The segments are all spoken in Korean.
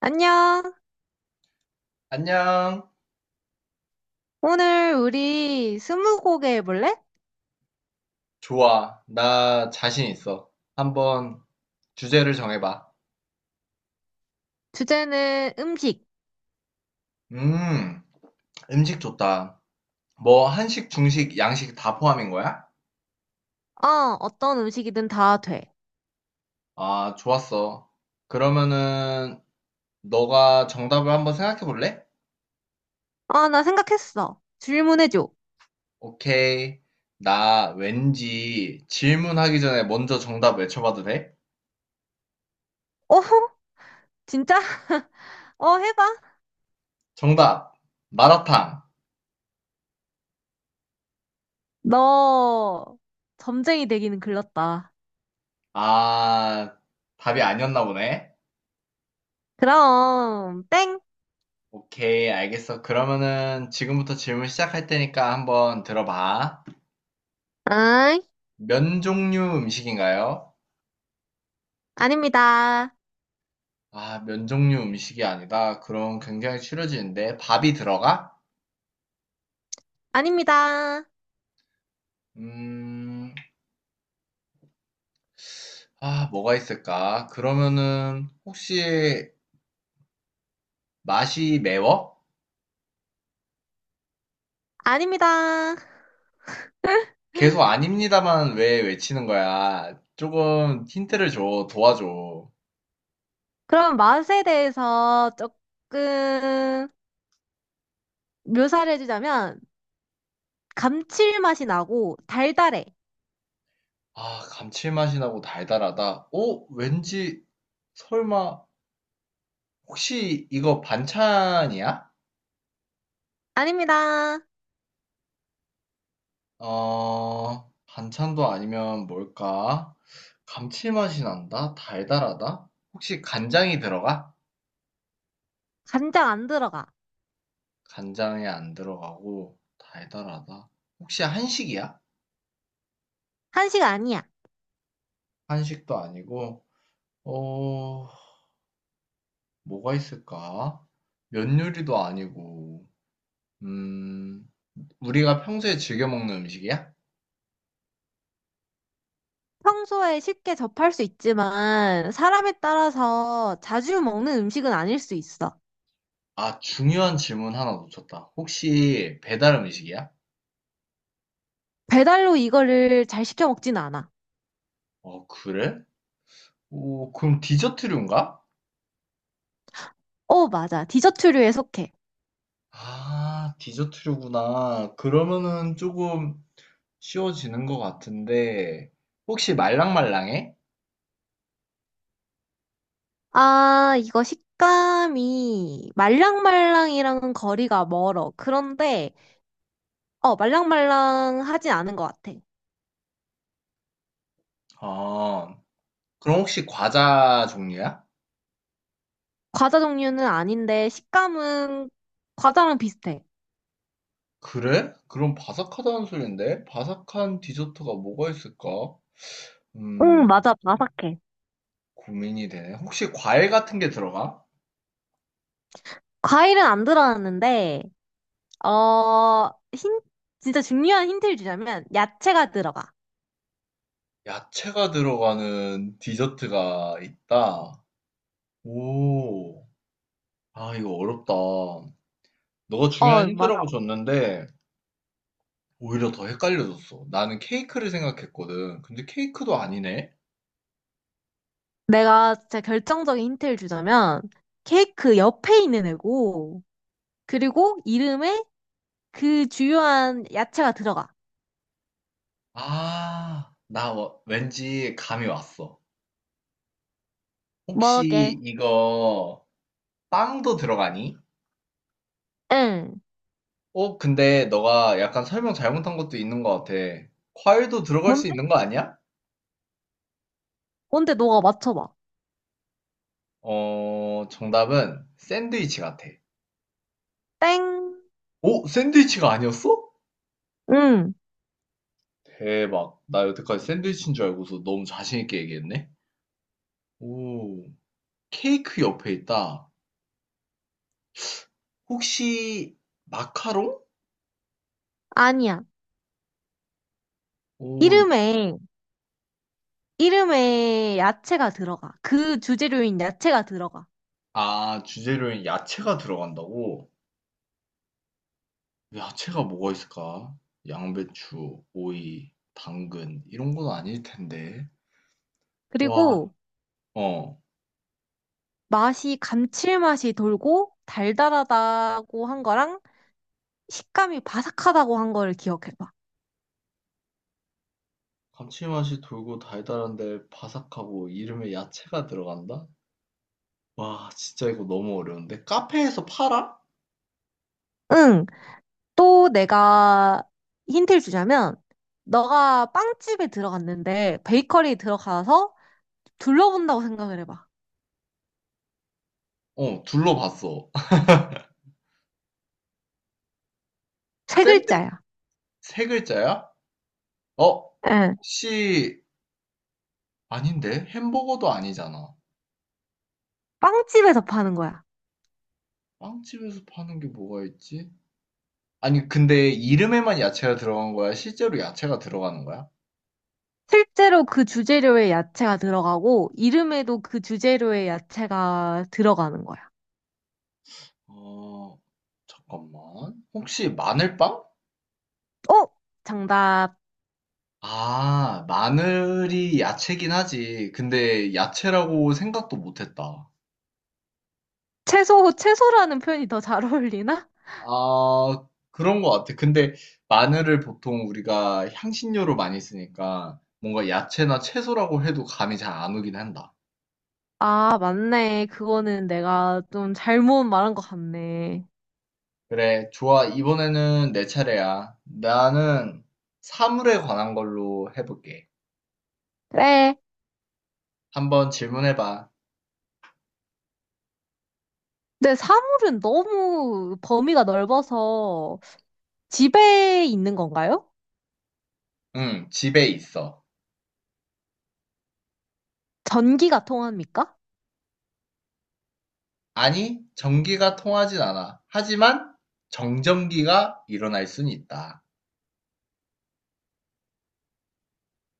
안녕. 안녕. 오늘 우리 스무고개 해볼래? 좋아. 나 자신 있어. 한번 주제를 정해봐. 주제는 음식. 음, 음식 좋다. 뭐, 한식, 중식, 양식 다 포함인 거야? 어, 어떤 음식이든 다 돼. 아, 좋았어. 그러면은, 너가 정답을 한번 생각해 볼래? 아, 나 생각했어. 질문해줘. 오케이. 나 왠지 질문하기 전에 먼저 정답 외쳐봐도 돼? 어허? 진짜? 어, 해봐. 정답! 마라탕. 너 점쟁이 되기는 글렀다. 아, 답이 아니었나 보네. 그럼 땡. 오케이, 알겠어. 그러면은 지금부터 질문 시작할 테니까 한번 들어봐. 아이, 면 종류 음식인가요? 아닙니다. 아, 면 종류 음식이 아니다. 그럼 굉장히 추려지는데. 밥이 들어가? 아닙니다. 음, 아, 뭐가 있을까? 그러면은 혹시 맛이 매워? 아닙니다. 계속 아닙니다만 왜 외치는 거야? 조금 힌트를 줘, 도와줘. 그럼 맛에 대해서 조금 묘사를 해주자면 감칠맛이 나고 달달해. 아, 감칠맛이 나고 달달하다. 어, 왠지 설마 혹시 이거 반찬이야? 아닙니다. 어, 반찬도 아니면 뭘까? 감칠맛이 난다? 달달하다? 혹시 간장이 들어가? 간장 안 들어가. 간장에 안 들어가고 달달하다. 혹시 한식이야? 한식 아니야. 한식도 아니고, 어, 뭐가 있을까? 면 요리도 아니고, 음, 우리가 평소에 즐겨 먹는 음식이야? 평소에 쉽게 접할 수 있지만 사람에 따라서 자주 먹는 음식은 아닐 수 있어. 아, 중요한 질문 하나 놓쳤다. 혹시 배달 음식이야? 배달로 이거를 잘 시켜 먹진 않아. 어, 그래? 오, 그럼 디저트류인가? 어, 맞아. 디저트류에 속해. 아, 디저트류구나. 그러면은 조금 쉬워지는 것 같은데, 혹시 말랑말랑해? 아, 이거 식감이 말랑말랑이랑은 거리가 멀어. 그런데 말랑말랑하진 않은 것 같아. 아, 그럼 혹시 과자 종류야? 과자 종류는 아닌데 식감은 과자랑 비슷해. 그래? 그럼 바삭하다는 소린데? 바삭한 디저트가 뭐가 있을까? 응, 음. 맞아. 바삭해. 고민이 되네. 혹시 과일 같은 게 들어가? 과일은 안 들어갔는데 어, 힌, 진짜 중요한 힌트를 주자면, 야채가 들어가. 야채가 들어가는 디저트가 있다? 오, 아, 이거 어렵다. 너가 중요한 어, 맞아. 힌트라고 줬는데 오히려 더 헷갈려졌어. 나는 케이크를 생각했거든. 근데 케이크도 아니네. 내가 진짜 결정적인 힌트를 주자면, 케이크 옆에 있는 애고, 그리고 이름에 그 주요한 야채가 들어가. 아, 왠지 감이 왔어. 뭐게? 혹시 이거 빵도 들어가니? 응. 어, 근데 너가 약간 설명 잘못한 것도 있는 것 같아. 과일도 들어갈 수 뭔데? 있는 거 아니야? 뭔데 너가 맞춰봐. 어, 정답은 샌드위치 같아. 땡. 오, 샌드위치가 아니었어? 응. 대박. 나 여태까지 샌드위치인 줄 알고서 너무 자신 있게 얘기했네. 오, 케이크 옆에 있다. 혹시 마카롱? 아니야. 오, 이름에, 이름에 야채가 들어가. 그 주재료인 야채가 들어가. 아, 주재료엔 야채가 들어간다고? 야채가 뭐가 있을까? 양배추, 오이, 당근 이런 건 아닐 텐데. 와, 그리고 어. 맛이 감칠맛이 돌고 달달하다고 한 거랑 식감이 바삭하다고 한 거를 기억해봐. 감칠맛이 돌고 달달한데 바삭하고 이름에 야채가 들어간다? 와, 진짜 이거 너무 어려운데. 카페에서 팔아? 응. 또 내가 힌트를 주자면, 너가 빵집에 들어갔는데, 베이커리에 들어가서 둘러본다고 생각을 해봐. 어, 둘러봤어. 세 샌드위치 글자야. 세 글자야? 어, 응. 혹시 아닌데? 햄버거도 아니잖아. 빵집에서 파는 거야. 빵집에서 파는 게 뭐가 있지? 아니, 근데 이름에만 야채가 들어간 거야? 실제로 야채가 들어가는 거야? 실제로 그 주재료에 야채가 들어가고, 이름에도 그 주재료에 야채가 들어가는 거야. 어, 잠깐만. 혹시 마늘빵? 어? 정답. 아, 마늘이 야채긴 하지. 근데 야채라고 생각도 못했다. 채소라는 표현이 더 잘 어울리나? 아, 그런 것 같아. 근데 마늘을 보통 우리가 향신료로 많이 쓰니까 뭔가 야채나 채소라고 해도 감이 잘 안 오긴 한다. 아, 맞네. 그거는 내가 좀 잘못 말한 것 같네. 그래, 좋아. 이번에는 내 차례야. 나는 사물에 관한 걸로 해볼게. 그래. 한번 질문해 봐. 근데 사물은 너무 범위가 넓어서 집에 있는 건가요? 응, 집에 있어. 전기가 통합니까? 아니, 전기가 통하진 않아. 하지만 정전기가 일어날 순 있다.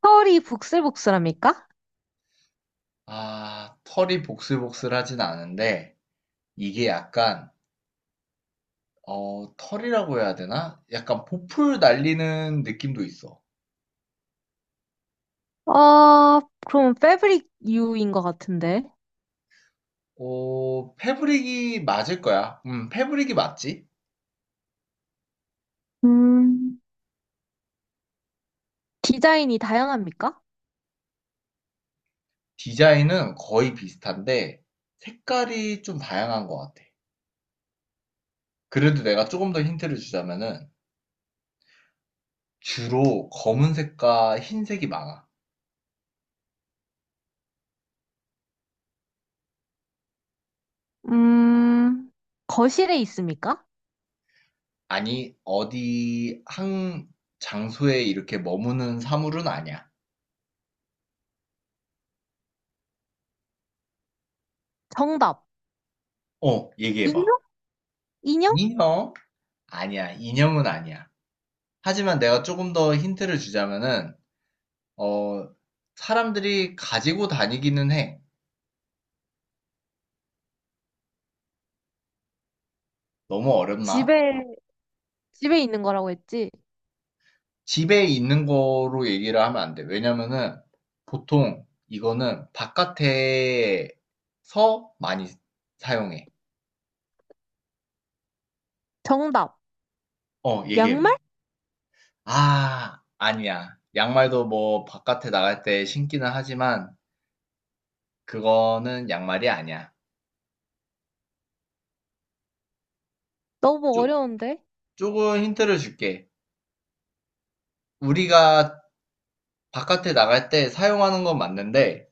털이 북슬북슬합니까? 아, 털이 복슬복슬하진 않은데 이게 약간 어, 털이라고 해야 되나? 약간 보풀 날리는 느낌도 있어. 어, 그럼 패브릭 유인 것 같은데. 어, 패브릭이 맞을 거야. 패브릭이 맞지? 음, 디자인이 다양합니까? 디자인은 거의 비슷한데 색깔이 좀 다양한 것 같아. 그래도 내가 조금 더 힌트를 주자면은 주로 검은색과 흰색이 많아. 음, 거실에 있습니까? 아니, 어디 한 장소에 이렇게 머무는 사물은 아니야. 정답. 어, 인형? 얘기해봐. 인형? 인형? 아니야, 인형은 아니야. 하지만 내가 조금 더 힌트를 주자면은, 어, 사람들이 가지고 다니기는 해. 너무 어렵나? 집에, 집에 있는 거라고 했지. 집에 있는 거로 얘기를 하면 안 돼. 왜냐면은, 보통 이거는 바깥에서 많이 사용해. 정답. 어, 얘기해봐. 양말? 아 아니야. 양말도 뭐 바깥에 나갈 때 신기는 하지만 그거는 양말이 아니야. 너무 쪼, 어려운데. 조금 힌트를 줄게. 우리가 바깥에 나갈 때 사용하는 건 맞는데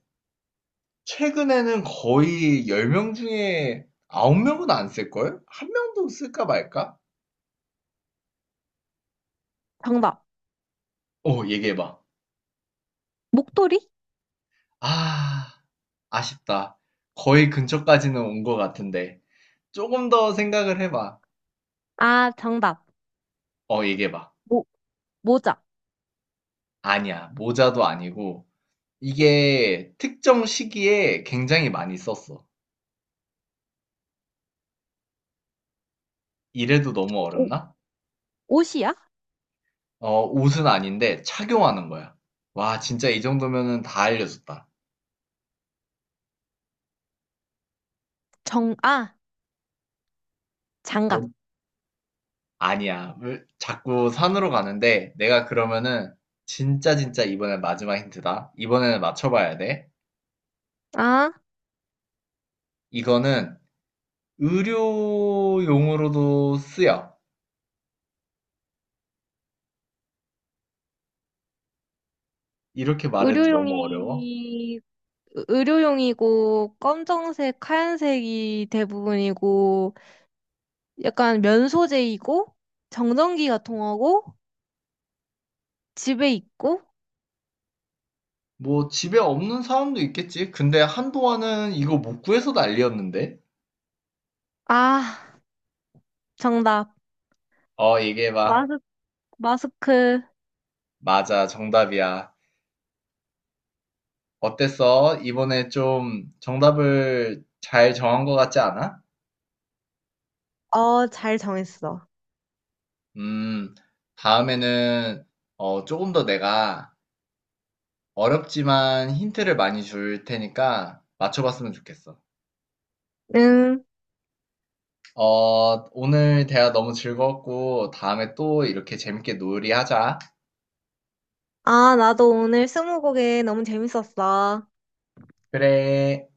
최근에는 거의 10명 중에 9명은 안 쓸걸? 한 명도 쓸까 말까? 정답. 어, 얘기해봐. 목도리? 아, 아쉽다. 거의 근처까지는 온 것 같은데. 조금 더 생각을 해봐. 아, 정답. 어, 얘기해봐. 모, 모자. 아니야. 모자도 아니고. 이게 특정 시기에 굉장히 많이 썼어. 이래도 너무 어렵나? 옷이야? 어, 옷은 아닌데 착용하는 거야. 와, 진짜 이 정도면은 다 알려줬다. 정, 아, 장갑. 뭔? 아니야. 왜 자꾸 산으로 가는데 내가 그러면은 진짜 이번엔 마지막 힌트다. 이번에는 맞춰봐야 돼. 아, 이거는 의료용으로도 쓰여. 이렇게 말해도 너무 어려워. 의료용이, 의료용이고, 검정색, 하얀색이 대부분이고, 약간 면 소재이고, 정전기가 통하고, 집에 있고, 뭐 집에 없는 사람도 있겠지. 근데 한동안은 이거 못 구해서 난리였는데. 아, 정답. 어, 얘기해봐. 마스, 마스크. 맞아, 정답이야. 어땠어? 이번에 좀 정답을 잘 정한 것 같지 않아? 어, 잘 정했어. 음, 다음에는 어, 조금 더 내가 어렵지만 힌트를 많이 줄 테니까 맞춰봤으면 좋겠어. 응. 어, 오늘 대화 너무 즐거웠고 다음에 또 이렇게 재밌게 놀이하자. 아, 나도 오늘 스무고개 너무 재밌었어. 그래.